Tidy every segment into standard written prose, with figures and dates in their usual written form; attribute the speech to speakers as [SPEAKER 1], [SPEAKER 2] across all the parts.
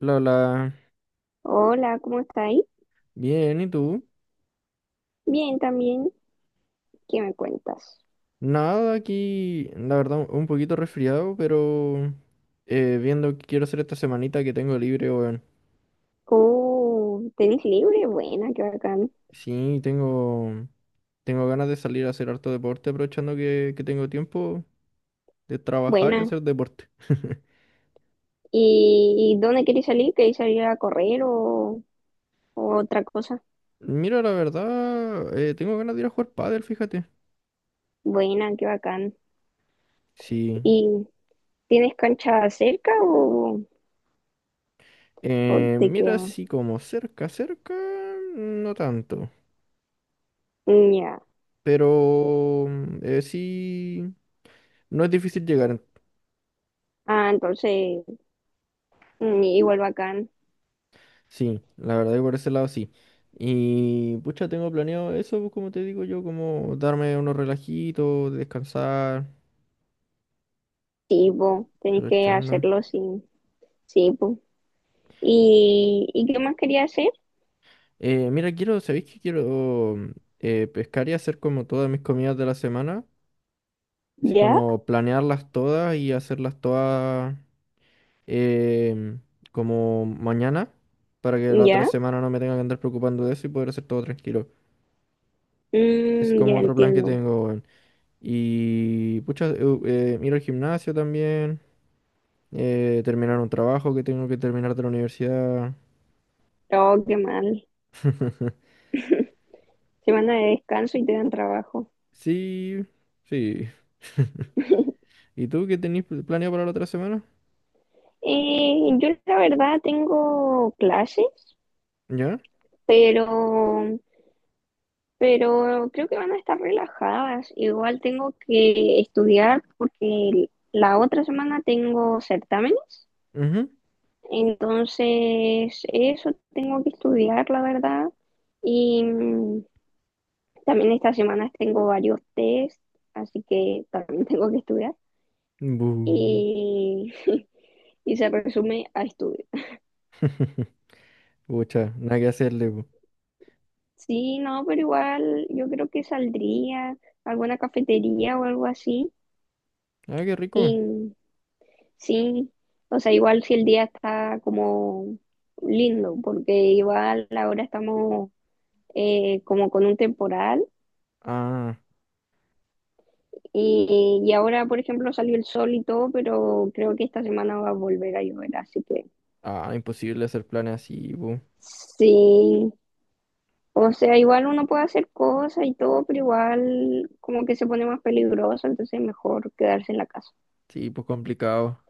[SPEAKER 1] Lola,
[SPEAKER 2] Hola, ¿cómo estáis?
[SPEAKER 1] bien, ¿y tú?
[SPEAKER 2] Bien, también. ¿Qué me cuentas?
[SPEAKER 1] Nada, aquí, la verdad, un poquito resfriado, pero viendo qué quiero hacer esta semanita que tengo libre, weón.
[SPEAKER 2] Oh, ¿tenés libre? Buena, qué bacán.
[SPEAKER 1] Sí, tengo ganas de salir a hacer harto deporte, aprovechando que tengo tiempo de trabajar y
[SPEAKER 2] Buena.
[SPEAKER 1] hacer deporte.
[SPEAKER 2] ¿Y dónde queréis salir? ¿Queréis salir a correr o otra cosa?
[SPEAKER 1] Mira, la verdad, tengo ganas de ir a jugar pádel, fíjate.
[SPEAKER 2] Buena, qué bacán.
[SPEAKER 1] Sí.
[SPEAKER 2] ¿Y tienes cancha cerca o te
[SPEAKER 1] Mira,
[SPEAKER 2] queda?
[SPEAKER 1] sí, como cerca, cerca, no tanto.
[SPEAKER 2] Mm, ya.
[SPEAKER 1] Pero sí, no es difícil llegar.
[SPEAKER 2] Ah, entonces, igual bacán.
[SPEAKER 1] Sí, la verdad que por ese lado sí. Y pucha, tengo planeado eso, pues, como te digo yo, como darme unos relajitos, descansar,
[SPEAKER 2] Sí, po, tenés que
[SPEAKER 1] aprovechando.
[SPEAKER 2] hacerlo, sí. Sí, po. ¿Y qué más quería hacer?
[SPEAKER 1] Mira, quiero, ¿sabéis que quiero pescar y hacer como todas mis comidas de la semana? Así
[SPEAKER 2] ¿Ya?
[SPEAKER 1] como planearlas todas y hacerlas todas em, como mañana, para que la otra
[SPEAKER 2] ¿Ya?
[SPEAKER 1] semana no me tenga que andar preocupando de eso y poder hacer todo tranquilo. Ese es
[SPEAKER 2] Mm,
[SPEAKER 1] como
[SPEAKER 2] ya
[SPEAKER 1] otro plan que
[SPEAKER 2] entiendo.
[SPEAKER 1] tengo, weón. Y pucha, ir al gimnasio también. Terminar un trabajo que tengo que terminar de la universidad.
[SPEAKER 2] Oh, qué mal. Semana de descanso y te dan trabajo.
[SPEAKER 1] Sí, sí. ¿Y tú qué tenés planeado para la otra semana?
[SPEAKER 2] Yo la verdad tengo clases,
[SPEAKER 1] ¿Ya?
[SPEAKER 2] pero, pero creo que van a estar relajadas. Igual tengo que estudiar porque la otra semana tengo certámenes.
[SPEAKER 1] Ujú.
[SPEAKER 2] Entonces, eso tengo que estudiar, la verdad. Y también estas semanas tengo varios test, así que también tengo que estudiar.
[SPEAKER 1] Bu.
[SPEAKER 2] Y y se resume a estudio.
[SPEAKER 1] Pucha, nada que hacerle, bu.
[SPEAKER 2] Sí, no, pero igual yo creo que saldría a alguna cafetería o algo así.
[SPEAKER 1] Ah, qué rico.
[SPEAKER 2] Y sí, o sea, igual si el día está como lindo, porque igual ahora estamos como con un temporal
[SPEAKER 1] Ah,
[SPEAKER 2] y ahora, por ejemplo, salió el sol y todo, pero creo que esta semana va a volver a llover, así que
[SPEAKER 1] ah, imposible hacer planes así, bu.
[SPEAKER 2] sí. O sea, igual uno puede hacer cosas y todo, pero igual como que se pone más peligroso, entonces es mejor quedarse en la casa.
[SPEAKER 1] Sí, pues complicado.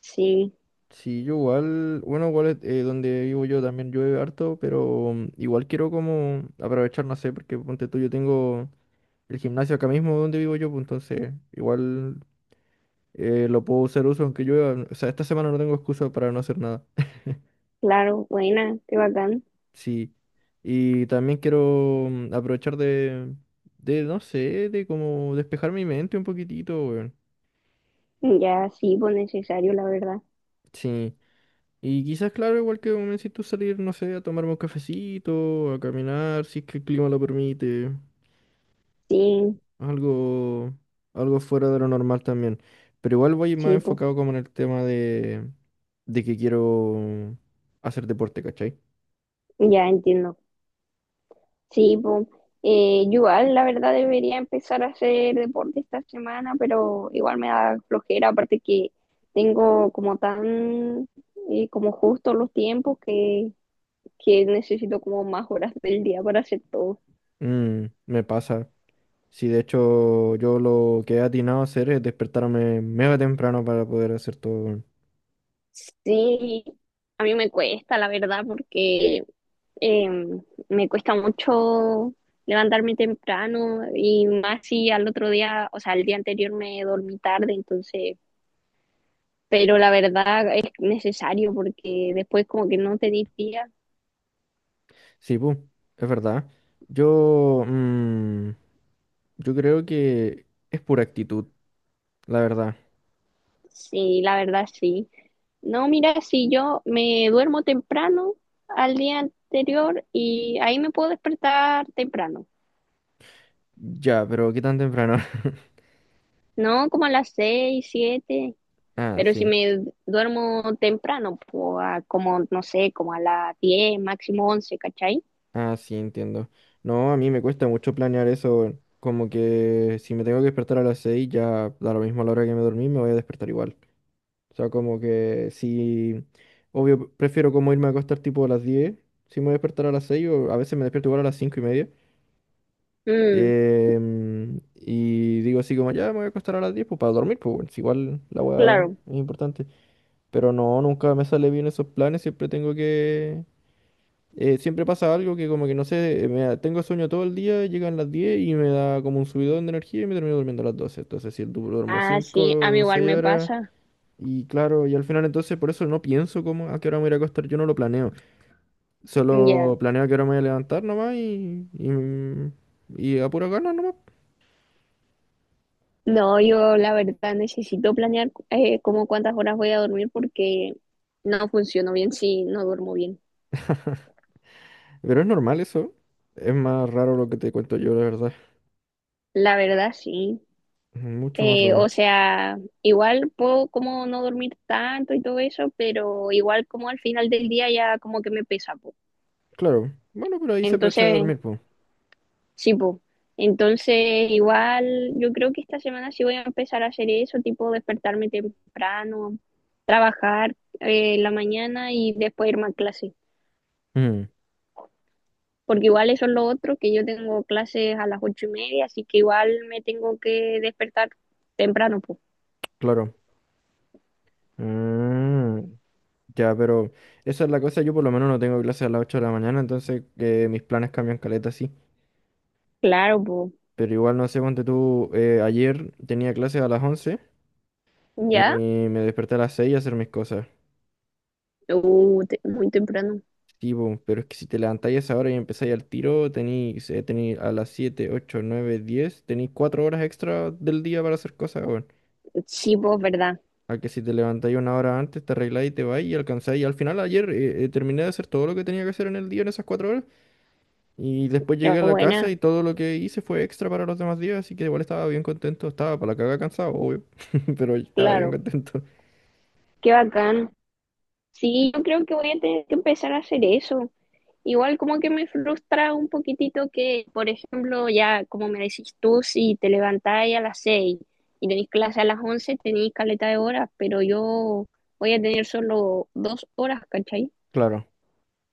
[SPEAKER 2] Sí,
[SPEAKER 1] Sí, yo igual, bueno, igual donde vivo yo también llueve harto, pero igual quiero como aprovechar, no sé, porque ponte tú, yo tengo el gimnasio acá mismo donde vivo yo, pues entonces igual lo puedo hacer uso aunque llueva. O sea, esta semana no tengo excusa para no hacer nada.
[SPEAKER 2] claro, buena, qué bacán.
[SPEAKER 1] Sí. Y también quiero aprovechar de, no sé, de como despejar mi mente un poquitito, weón.
[SPEAKER 2] Ya, sí, pues necesario, la verdad.
[SPEAKER 1] Sí. Y quizás, claro, igual que como me necesito salir, no sé, a tomarme un cafecito, a caminar, si es que el clima lo permite.
[SPEAKER 2] Sí,
[SPEAKER 1] Algo, algo fuera de lo normal también. Pero igual voy más
[SPEAKER 2] sí, pues,
[SPEAKER 1] enfocado como en el tema de que quiero hacer deporte, ¿cachai?
[SPEAKER 2] ya entiendo. Sí, pues, yo igual, la verdad, debería empezar a hacer deporte esta semana, pero igual me da flojera, aparte que tengo como tan, como justo los tiempos que necesito como más horas del día para hacer todo.
[SPEAKER 1] Mm, me pasa. Sí, de hecho, yo lo que he atinado a hacer es despertarme mega temprano para poder hacer todo.
[SPEAKER 2] Sí, a mí me cuesta, la verdad, porque eh, me cuesta mucho levantarme temprano y más si al otro día, o sea, el día anterior me dormí tarde, entonces, pero la verdad es necesario porque después como que no te día.
[SPEAKER 1] Sí, pues, es verdad. Yo, yo creo que es pura actitud, la verdad.
[SPEAKER 2] Sí, la verdad sí. No, mira, si yo me duermo temprano al día anterior y ahí me puedo despertar temprano,
[SPEAKER 1] Ya, pero ¿qué tan temprano?
[SPEAKER 2] ¿no? Como a las 6, 7.
[SPEAKER 1] Ah,
[SPEAKER 2] Pero si
[SPEAKER 1] sí.
[SPEAKER 2] me duermo temprano, pues, a como, no sé, como a las 10, máximo 11, ¿cachai?
[SPEAKER 1] Ah, sí, entiendo. No, a mí me cuesta mucho planear eso. Como que si me tengo que despertar a las 6 ya da lo mismo a la hora que me dormí, me voy a despertar igual. O sea, como que si... Obvio, prefiero como irme a acostar tipo a las 10 si me voy a despertar a las 6 o a veces me despierto igual a las 5 y media.
[SPEAKER 2] Mm,
[SPEAKER 1] Y digo así como, ya me voy a acostar a las 10 pues para dormir, pues bueno, si igual la weá
[SPEAKER 2] claro.
[SPEAKER 1] es importante. Pero no, nunca me sale bien esos planes, siempre tengo que siempre pasa algo que como que no sé, tengo sueño todo el día, llegan las 10 y me da como un subidón de energía y me termino durmiendo a las doce. Entonces, si duermo
[SPEAKER 2] Ah, sí, a mí
[SPEAKER 1] 5 o
[SPEAKER 2] igual
[SPEAKER 1] 6
[SPEAKER 2] me
[SPEAKER 1] horas
[SPEAKER 2] pasa.
[SPEAKER 1] y claro, y al final entonces por eso no pienso como a qué hora me voy a ir a acostar, yo no lo planeo. Solo
[SPEAKER 2] Ya.
[SPEAKER 1] planeo a qué hora me voy a levantar nomás y a pura gana nomás.
[SPEAKER 2] No, yo la verdad necesito planear como cuántas horas voy a dormir porque no funciono bien si no duermo bien.
[SPEAKER 1] Pero es normal eso. Es más raro lo que te cuento yo, la verdad.
[SPEAKER 2] La verdad, sí.
[SPEAKER 1] Mucho más
[SPEAKER 2] Eh,
[SPEAKER 1] raro.
[SPEAKER 2] o sea, igual puedo como no dormir tanto y todo eso, pero igual como al final del día ya como que me pesa, po.
[SPEAKER 1] Claro. Bueno, pero ahí se aprovecha de
[SPEAKER 2] Entonces,
[SPEAKER 1] dormir, pues.
[SPEAKER 2] sí, po. Entonces, igual yo creo que esta semana sí voy a empezar a hacer eso, tipo despertarme temprano, trabajar en la mañana y después irme a clase.
[SPEAKER 1] Mm,
[SPEAKER 2] Porque igual eso es lo otro, que yo tengo clases a las 8:30, así que igual me tengo que despertar temprano, pues.
[SPEAKER 1] claro. Mm. Ya, pero esa es la cosa, yo por lo menos no tengo clase a las 8 de la mañana, entonces mis planes cambian caleta, sí.
[SPEAKER 2] Claro, pues.
[SPEAKER 1] Pero igual, no sé, ponte tú, ayer tenía clase a las 11 y
[SPEAKER 2] ¿Ya?
[SPEAKER 1] me desperté a las 6 a hacer mis cosas.
[SPEAKER 2] Muy temprano.
[SPEAKER 1] Sí, po, pero es que si te levantáis a esa hora y empezáis al tiro, tenéis tení a las 7, 8, 9, diez, tenéis 4 horas extra del día para hacer cosas, weón.
[SPEAKER 2] Sí, pues, ¿verdad?
[SPEAKER 1] A que si te levantáis una hora antes, te arregláis y te vais y alcanzáis. Y al final ayer terminé de hacer todo lo que tenía que hacer en el día en esas cuatro horas. Y después
[SPEAKER 2] La
[SPEAKER 1] llegué a la casa
[SPEAKER 2] buena,
[SPEAKER 1] y todo lo que hice fue extra para los demás días, así que igual estaba bien contento. Estaba para la caga cansado, obvio, pero estaba bien
[SPEAKER 2] claro.
[SPEAKER 1] contento.
[SPEAKER 2] Qué bacán. Sí, yo creo que voy a tener que empezar a hacer eso. Igual como que me frustra un poquitito que, por ejemplo, ya como me decís tú, si te levantáis a las 6 y tenéis clase a las 11, tenéis caleta de horas, pero yo voy a tener solo 2 horas, ¿cachai?
[SPEAKER 1] Claro.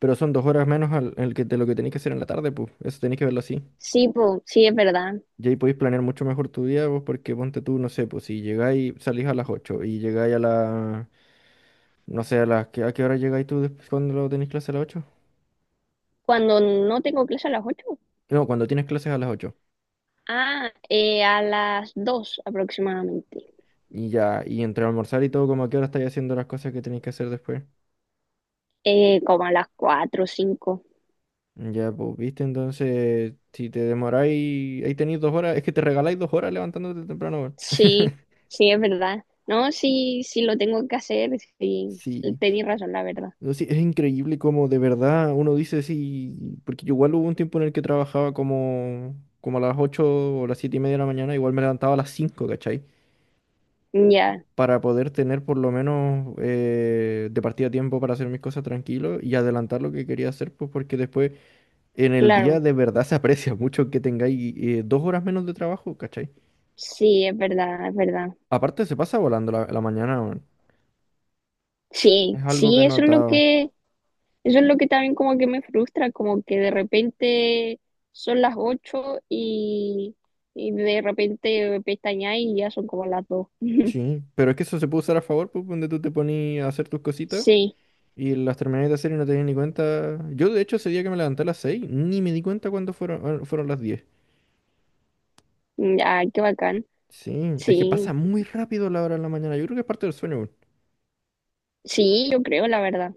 [SPEAKER 1] Pero son dos horas menos al, el que, de lo que tenéis que hacer en la tarde, pues. Eso tenéis que verlo así.
[SPEAKER 2] Sí, po, sí, es verdad.
[SPEAKER 1] Y ahí podéis planear mucho mejor tu día, pues, porque ponte tú, no sé, pues si llegáis, salís a las 8 y llegáis a la, no sé, a las, ¿a qué hora llegáis tú después cuando lo tenéis clase a las ocho?
[SPEAKER 2] Cuando no tengo clase a las 8,
[SPEAKER 1] No, cuando tienes clases a las ocho.
[SPEAKER 2] ah, a las 2 aproximadamente,
[SPEAKER 1] Y ya, y entre almorzar y todo, como a qué hora estáis haciendo las cosas que tenéis que hacer después.
[SPEAKER 2] como a las 4 o 5.
[SPEAKER 1] Ya, pues, viste, entonces, si te demoráis, ahí tenéis dos horas, es que te regaláis dos horas levantándote temprano, weón.
[SPEAKER 2] Sí, sí, es verdad. No, sí, sí lo tengo que hacer, sí,
[SPEAKER 1] Sí,
[SPEAKER 2] tenéis razón, la verdad.
[SPEAKER 1] no, sí, es increíble como de verdad uno dice sí, porque yo igual hubo un tiempo en el que trabajaba como a las 8 o las 7 y media de la mañana, igual me levantaba a las 5, ¿cachai?
[SPEAKER 2] Ya,
[SPEAKER 1] Para poder tener por lo menos de partida tiempo para hacer mis cosas tranquilo y adelantar lo que quería hacer, pues porque después en el día
[SPEAKER 2] claro.
[SPEAKER 1] de verdad se aprecia mucho que tengáis dos horas menos de trabajo, ¿cachai?
[SPEAKER 2] Sí, es verdad, es verdad.
[SPEAKER 1] Aparte se pasa volando la mañana, weón.
[SPEAKER 2] Sí,
[SPEAKER 1] Es algo que he
[SPEAKER 2] sí,
[SPEAKER 1] notado.
[SPEAKER 2] eso es lo que también como que me frustra, como que de repente son las 8 y de repente pestañáis y ya son como las 2.
[SPEAKER 1] Sí, pero es que eso se puede usar a favor, pues, donde tú te ponías a hacer tus cositas
[SPEAKER 2] Sí,
[SPEAKER 1] y las terminabas de hacer y no te das ni cuenta. Yo, de hecho, ese día que me levanté a las 6 ni me di cuenta cuándo fueron, fueron las 10.
[SPEAKER 2] ya, qué bacán.
[SPEAKER 1] Sí, es que
[SPEAKER 2] Sí,
[SPEAKER 1] pasa muy rápido la hora de la mañana. Yo creo que es parte del sueño, weón.
[SPEAKER 2] sí, yo creo, la verdad.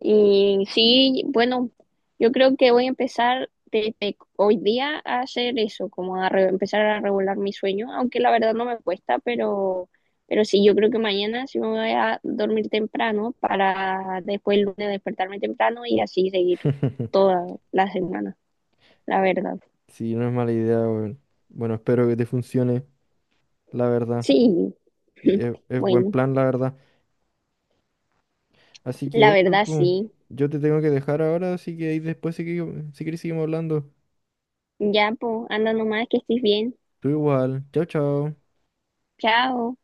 [SPEAKER 2] Y sí, bueno, yo creo que voy a empezar desde hoy día a hacer eso, como a empezar a regular mi sueño, aunque la verdad no me cuesta, pero sí, yo creo que mañana sí me voy a dormir temprano para después el lunes despertarme temprano y así seguir toda la semana, la verdad.
[SPEAKER 1] Sí, no es mala idea, weón. Bueno, espero que te funcione, la verdad.
[SPEAKER 2] Sí,
[SPEAKER 1] Y Es, es buen
[SPEAKER 2] bueno,
[SPEAKER 1] plan, la verdad. Así que
[SPEAKER 2] la
[SPEAKER 1] eso,
[SPEAKER 2] verdad
[SPEAKER 1] pues,
[SPEAKER 2] sí.
[SPEAKER 1] yo te tengo que dejar ahora, así que ahí después, si, si querés, seguimos hablando.
[SPEAKER 2] Ya, pues, anda nomás, que estés bien.
[SPEAKER 1] Tú igual. Chau, chau.
[SPEAKER 2] Chao.